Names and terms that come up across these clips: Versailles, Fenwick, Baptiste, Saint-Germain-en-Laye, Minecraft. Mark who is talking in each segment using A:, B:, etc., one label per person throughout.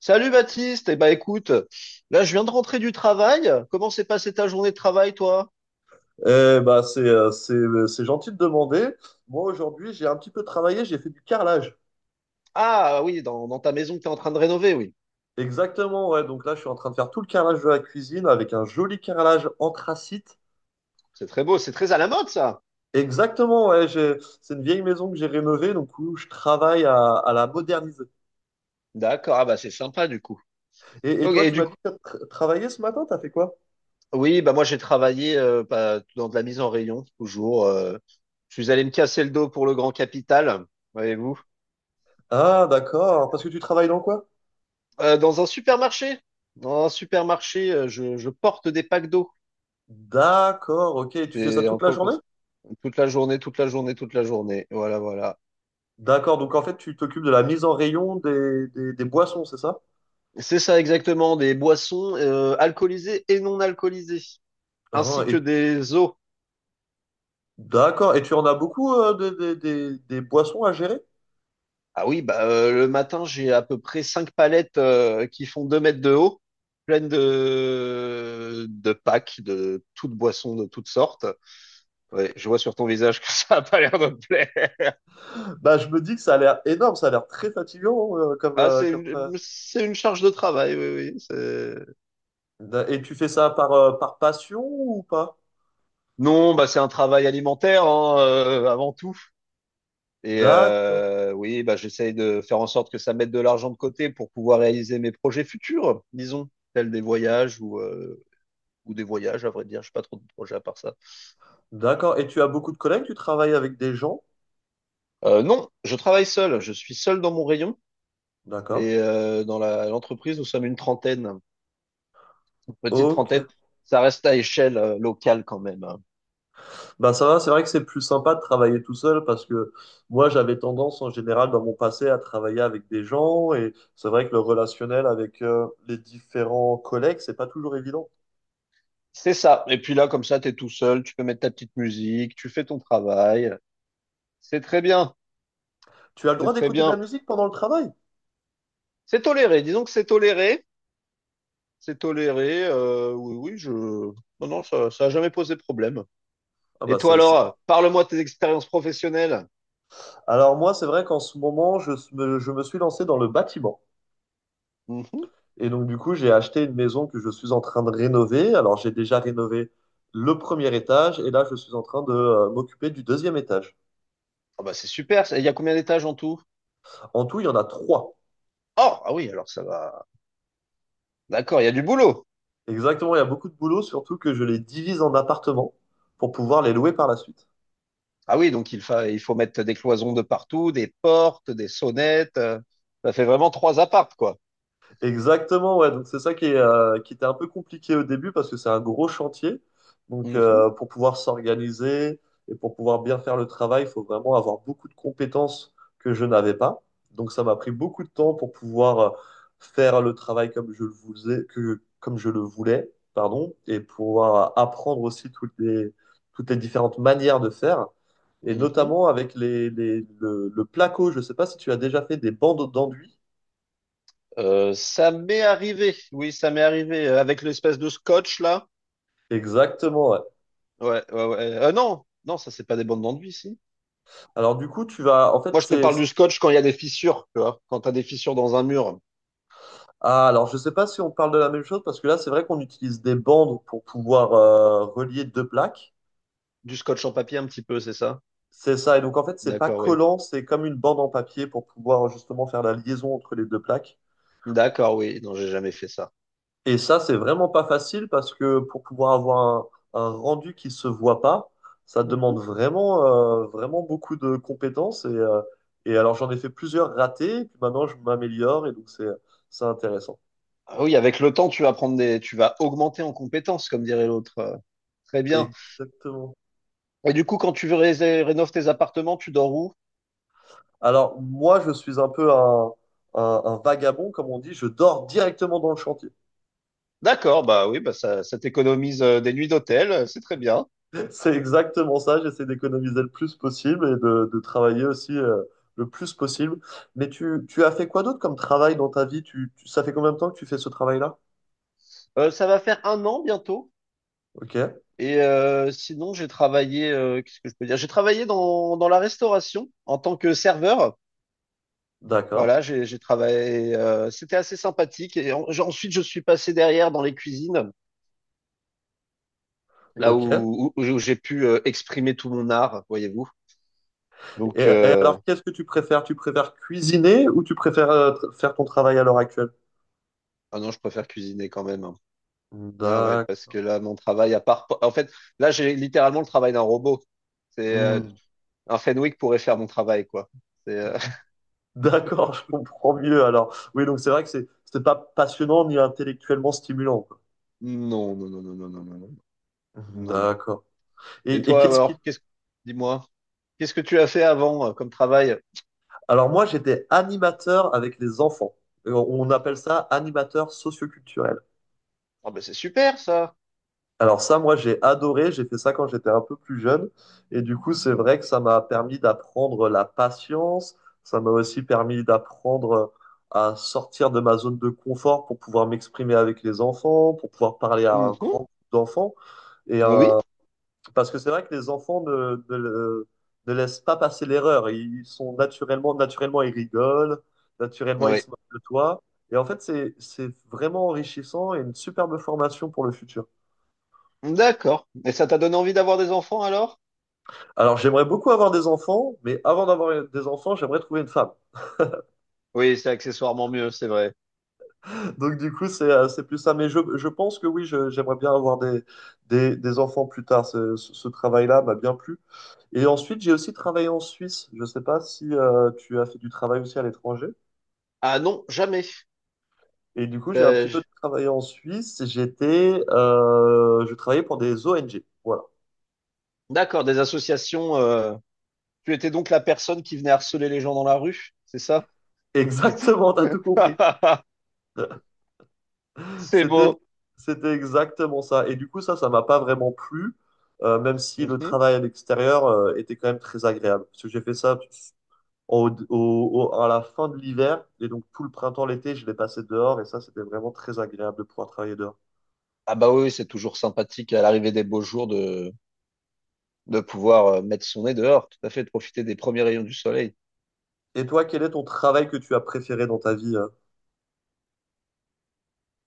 A: Salut Baptiste, et ben écoute, là je viens de rentrer du travail. Comment s'est passée ta journée de travail, toi?
B: Eh bah, c'est gentil de demander. Moi, aujourd'hui, j'ai un petit peu travaillé, j'ai fait du carrelage.
A: Ah oui, dans ta maison que tu es en train de rénover, oui.
B: Exactement, ouais. Donc là, je suis en train de faire tout le carrelage de la cuisine avec un joli carrelage anthracite.
A: C'est très beau, c'est très à la mode ça.
B: Exactement, ouais. C'est une vieille maison que j'ai rénovée, donc où je travaille à la moderniser.
A: D'accord, ah bah c'est sympa du coup.
B: Et
A: Ok,
B: toi,
A: et
B: tu
A: du
B: m'as
A: coup,
B: dit que tu travaillé ce matin, t'as fait quoi?
A: oui, bah moi j'ai travaillé bah, dans de la mise en rayon, toujours. Je suis allé me casser le dos pour le grand capital, voyez-vous.
B: Ah, d'accord. Parce que tu travailles dans quoi?
A: Dans un supermarché, dans un supermarché, je porte des packs d'eau.
B: D'accord, ok. Et tu fais ça
A: C'est en
B: toute la
A: quoi que-
B: journée?
A: Toute la journée, toute la journée, toute la journée. Voilà, voilà.
B: D'accord, donc en fait, tu t'occupes de la mise en rayon des boissons, c'est ça?
A: C'est ça exactement, des boissons alcoolisées et non alcoolisées,
B: Ah,
A: ainsi que
B: et
A: des eaux.
B: d'accord. Et tu en as beaucoup des boissons à gérer?
A: Ah oui, bah, le matin, j'ai à peu près cinq palettes qui font deux mètres de haut, pleines de packs, de toutes boissons de toutes sortes. Ouais, je vois sur ton visage que ça a pas l'air de te plaire.
B: Bah, je me dis que ça a l'air énorme, ça a l'air très fatigant comme,
A: Ah, c'est
B: comme ça.
A: une, c'est une charge de travail, oui, oui.
B: Et tu fais ça par, par passion ou pas?
A: Non, bah, c'est un travail alimentaire, hein, avant tout. Et
B: D'accord.
A: oui, bah, j'essaye de faire en sorte que ça mette de l'argent de côté pour pouvoir réaliser mes projets futurs, disons, tels des voyages ou des voyages, à vrai dire. Je pas trop de projets à part ça.
B: D'accord. Et tu as beaucoup de collègues, tu travailles avec des gens?
A: Non, je travaille seul. Je suis seul dans mon rayon.
B: D'accord.
A: Et dans l'entreprise, nous sommes une trentaine, une petite trentaine.
B: Ok.
A: Ça reste à échelle locale quand même. Hein.
B: Bah ça va, c'est vrai que c'est plus sympa de travailler tout seul parce que moi j'avais tendance en général dans mon passé à travailler avec des gens et c'est vrai que le relationnel avec les différents collègues, c'est pas toujours évident.
A: C'est ça. Et puis là, comme ça, tu es tout seul. Tu peux mettre ta petite musique. Tu fais ton travail. C'est très bien.
B: Tu as le
A: C'est
B: droit
A: très
B: d'écouter de la
A: bien.
B: musique pendant le travail?
A: C'est toléré. Disons que c'est toléré. C'est toléré. Oui, oui, je. Non, non, ça a jamais posé problème.
B: Ah
A: Et
B: bah
A: toi
B: c'est,
A: alors, parle-moi de tes expériences professionnelles.
B: Alors moi, c'est vrai qu'en ce moment, je me suis lancé dans le bâtiment.
A: Mhm.
B: Et donc du coup, j'ai acheté une maison que je suis en train de rénover. Alors j'ai déjà rénové le premier étage et là, je suis en train de m'occuper du deuxième étage.
A: Ah bah c'est super. Il y a combien d'étages en tout?
B: En tout, il y en a trois.
A: Oh, ah oui, alors ça va. D'accord, il y a du boulot.
B: Exactement, il y a beaucoup de boulot, surtout que je les divise en appartements pour pouvoir les louer par la suite.
A: Ah oui, donc il faut mettre des cloisons de partout, des portes, des sonnettes. Ça fait vraiment trois appartes, quoi.
B: Exactement, ouais. Donc c'est ça qui est, qui était un peu compliqué au début parce que c'est un gros chantier. Donc
A: Mhm,
B: pour pouvoir s'organiser et pour pouvoir bien faire le travail, il faut vraiment avoir beaucoup de compétences que je n'avais pas. Donc ça m'a pris beaucoup de temps pour pouvoir faire le travail comme je le voulais, que, comme je le voulais, pardon, et pouvoir apprendre aussi toutes les différentes manières de faire. Et
A: mhm.
B: notamment avec le placo, je ne sais pas si tu as déjà fait des bandes d'enduit.
A: Ça m'est arrivé. Oui, ça m'est arrivé avec l'espèce de scotch là.
B: Exactement, ouais.
A: Ouais, ouais, ouais. Non, non, ça c'est pas des bandes d'enduit, si.
B: Alors du coup, tu vas, en fait,
A: Moi, je te
B: c'est,
A: parle du scotch quand il y a des fissures, tu vois. Quand tu as des fissures dans un mur,
B: ah, alors je sais pas si on parle de la même chose parce que là, c'est vrai qu'on utilise des bandes pour pouvoir relier deux plaques.
A: du scotch en papier un petit peu, c'est ça?
B: C'est ça. Et donc en fait, c'est pas
A: D'accord, oui.
B: collant, c'est comme une bande en papier pour pouvoir justement faire la liaison entre les deux plaques.
A: D'accord, oui. Non, j'ai jamais fait ça.
B: Et ça, c'est vraiment pas facile parce que pour pouvoir avoir un rendu qui se voit pas, ça demande vraiment, vraiment beaucoup de compétences. Et alors j'en ai fait plusieurs ratés. Et puis maintenant, je m'améliore et donc c'est intéressant.
A: Ah oui, avec le temps, tu vas augmenter en compétences, comme dirait l'autre. Très bien.
B: Exactement.
A: Et du coup, quand tu veux rénover tes appartements, tu dors où?
B: Alors, moi, je suis un peu un vagabond, comme on dit. Je dors directement dans le chantier.
A: D'accord, bah oui, bah ça t'économise des nuits d'hôtel, c'est très bien.
B: C'est exactement ça. J'essaie d'économiser le plus possible et de travailler aussi le plus possible. Mais tu as fait quoi d'autre comme travail dans ta vie? Ça fait combien de temps que tu fais ce travail-là?
A: Ça va faire un an bientôt.
B: Ok,
A: Et sinon, j'ai travaillé, qu'est-ce que je peux dire? J'ai travaillé dans la restauration en tant que serveur.
B: d'accord.
A: Voilà, j'ai travaillé. C'était assez sympathique. Et ensuite, je suis passé derrière dans les cuisines, là
B: Ok.
A: où j'ai pu exprimer tout mon art, voyez-vous.
B: Et,
A: Donc,
B: et alors, qu'est-ce que tu préfères? Tu préfères cuisiner ou tu préfères faire ton travail à l'heure actuelle?
A: ah non, je préfère cuisiner quand même. Hein. Ah ouais,
B: D'accord.
A: parce que là, mon travail, à part, en fait, là, j'ai littéralement le travail d'un robot. C'est
B: Hmm.
A: Un Fenwick pourrait faire mon travail, quoi. C'est
B: D'accord, je comprends mieux alors. Oui, donc c'est vrai que c'est c'était pas passionnant ni intellectuellement stimulant, quoi.
A: Non, non, non, non, non, non, non, non, non, non.
B: D'accord.
A: Et
B: Et
A: toi,
B: qu'est-ce qui...
A: alors, dis-moi, qu'est-ce que tu as fait avant comme travail?
B: Alors moi, j'étais animateur avec les enfants. Et on appelle ça animateur socioculturel.
A: Ah ben, c'est super, ça.
B: Alors ça, moi, j'ai adoré. J'ai fait ça quand j'étais un peu plus jeune. Et du coup, c'est vrai que ça m'a permis d'apprendre la patience. Ça m'a aussi permis d'apprendre à sortir de ma zone de confort pour pouvoir m'exprimer avec les enfants, pour pouvoir parler à un grand
A: Mhm.
B: groupe d'enfants. Et
A: Oui.
B: parce que c'est vrai que les enfants ne laissent pas passer l'erreur. Ils sont naturellement, naturellement, ils rigolent, naturellement, ils
A: Oui.
B: se moquent de toi. Et en fait, c'est vraiment enrichissant et une superbe formation pour le futur.
A: D'accord. Et ça t'a donné envie d'avoir des enfants alors?
B: Alors, j'aimerais beaucoup avoir des enfants, mais avant d'avoir des enfants, j'aimerais trouver une femme.
A: Oui, c'est accessoirement mieux, c'est vrai.
B: Donc, du coup, c'est plus ça. Mais je pense que oui, j'aimerais bien avoir des enfants plus tard. Ce travail-là m'a bien plu. Et ensuite, j'ai aussi travaillé en Suisse. Je ne sais pas si tu as fait du travail aussi à l'étranger.
A: Ah non, jamais.
B: Et du coup, j'ai un
A: Euh,
B: petit peu
A: j-
B: travaillé en Suisse. J'étais, je travaillais pour des ONG. Voilà.
A: d'accord, des associations. Tu étais donc la personne qui venait harceler les gens dans la rue, c'est ça? C'est
B: Exactement, t'as tout compris.
A: C'est
B: C'était,
A: beau.
B: c'était exactement ça. Et du coup, ça m'a pas vraiment plu, même si le
A: Mhm.
B: travail à l'extérieur, était quand même très agréable. Parce que j'ai fait ça à la fin de l'hiver. Et donc, tout le printemps, l'été, je l'ai passé dehors. Et ça, c'était vraiment très agréable de pouvoir travailler dehors.
A: Ah bah oui, oui, c'est toujours sympathique à l'arrivée des beaux jours de pouvoir mettre son nez dehors, tout à fait, de profiter des premiers rayons du soleil.
B: Et toi, quel est ton travail que tu as préféré dans ta vie?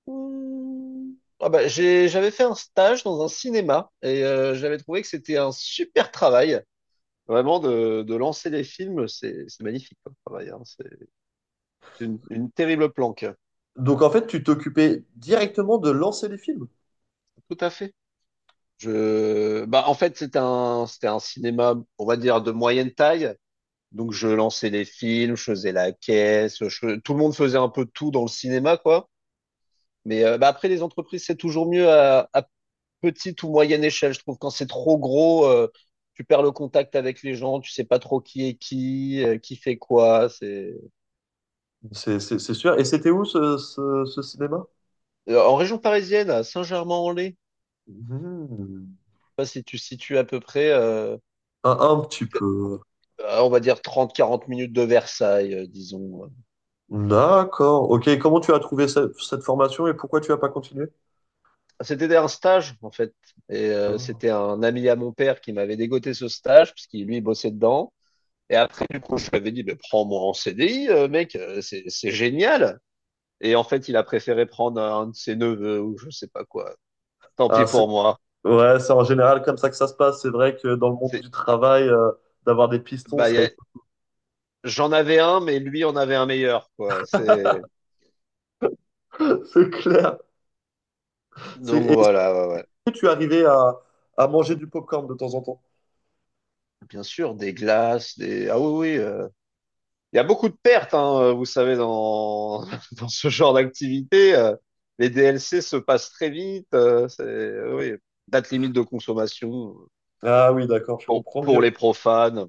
A: Mmh. Ah bah, j'avais fait un stage dans un cinéma et j'avais trouvé que c'était un super travail. Vraiment, de lancer les films, c'est magnifique comme travail. Hein. C'est une terrible planque.
B: Donc, en fait, tu t'occupais directement de lancer les films?
A: Tout à fait. Bah, en fait, c'était un cinéma, on va dire, de moyenne taille. Donc, je lançais les films, je faisais la caisse, tout le monde faisait un peu tout dans le cinéma, quoi. Mais bah, après, les entreprises, c'est toujours mieux à petite ou moyenne échelle. Je trouve quand c'est trop gros, tu perds le contact avec les gens, tu sais pas trop qui est qui fait quoi. C'est
B: C'est c'est sûr. Et c'était où ce, ce cinéma?
A: En région parisienne, à Saint-Germain-en-Laye.
B: Hmm.
A: Pas si tu situes à peu près,
B: Un petit peu.
A: on va dire 30-40 minutes de Versailles, disons.
B: D'accord. Ok, comment tu as trouvé cette formation et pourquoi tu n'as pas continué?
A: C'était un stage, en fait. Et
B: Ah,
A: c'était un ami à mon père qui m'avait dégoté ce stage, parce qu'il, lui, bossait dedans. Et après, du coup, je lui avais dit, mais prends-moi en CDI, mec, c'est génial. Et en fait, il a préféré prendre un de ses neveux ou je sais pas quoi. Tant pis
B: ah,
A: pour moi.
B: ouais, c'est en général comme ça que ça se passe. C'est vrai que dans le monde
A: C'est,
B: du travail, d'avoir des pistons,
A: Bah,
B: ça aide.
A: j'en avais un, mais lui en avait un meilleur, quoi.
B: C'est clair.
A: Donc
B: Est-ce
A: voilà, ouais, ouais.
B: que tu arrivais à manger du popcorn de temps en temps?
A: Bien sûr, des glaces, ah oui, oui, il y a beaucoup de pertes, hein, vous savez, dans, dans ce genre d'activité. Les DLC se passent très vite. Oui, date limite de consommation
B: Ah oui, d'accord, je
A: pour,
B: comprends
A: pour les
B: mieux.
A: profanes.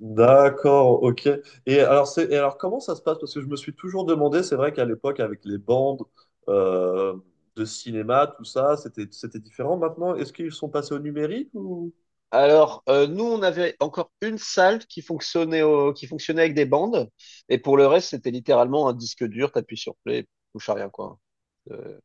B: D'accord, ok. Et alors, c'est, et alors, comment ça se passe? Parce que je me suis toujours demandé, c'est vrai qu'à l'époque, avec les bandes euh, de cinéma, tout ça, c'était, c'était différent. Maintenant, est-ce qu'ils sont passés au numérique ou...
A: Alors, nous, on avait encore une salle qui fonctionnait, qui fonctionnait avec des bandes. Et pour le reste, c'était littéralement un disque dur, t'appuies sur play, touche à rien, quoi. Euh,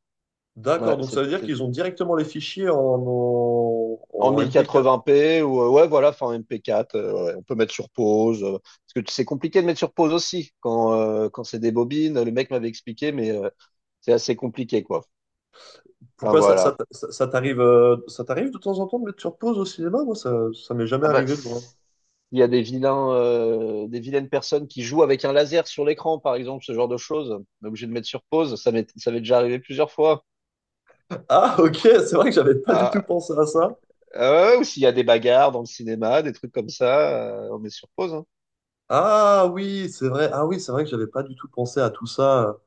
A: ouais,
B: D'accord, donc ça veut dire qu'ils
A: c'était
B: ont directement les fichiers en,
A: en
B: en MP4.
A: 1080p ou ouais voilà, enfin MP4. Ouais, on peut mettre sur pause parce que c'est compliqué de mettre sur pause aussi quand c'est des bobines, le mec m'avait expliqué, mais c'est assez compliqué quoi, enfin
B: Pourquoi ça, ça,
A: voilà.
B: ça t'arrive de temps en temps de mettre sur pause au cinéma? Moi, ça m'est jamais
A: Ah bah
B: arrivé de voir.
A: il y a des vilains des vilaines personnes qui jouent avec un laser sur l'écran par exemple, ce genre de choses, on est obligé de mettre sur pause. Ça m'est déjà arrivé plusieurs fois.
B: Ah, ok, c'est vrai que j'avais pas du tout
A: Ah,
B: pensé à ça.
A: ou s'il y a des bagarres dans le cinéma, des trucs comme ça, on met sur pause hein.
B: Ah oui, c'est vrai. Ah oui, c'est vrai que j'avais pas du tout pensé à tout ça.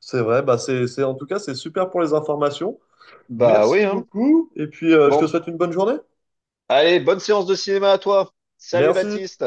B: C'est vrai. Bah c'est, en tout cas, c'est super pour les informations.
A: Bah oui
B: Merci
A: hein.
B: beaucoup. Et puis, je te
A: Bon
B: souhaite une bonne journée.
A: allez, bonne séance de cinéma à toi. Salut
B: Merci.
A: Baptiste.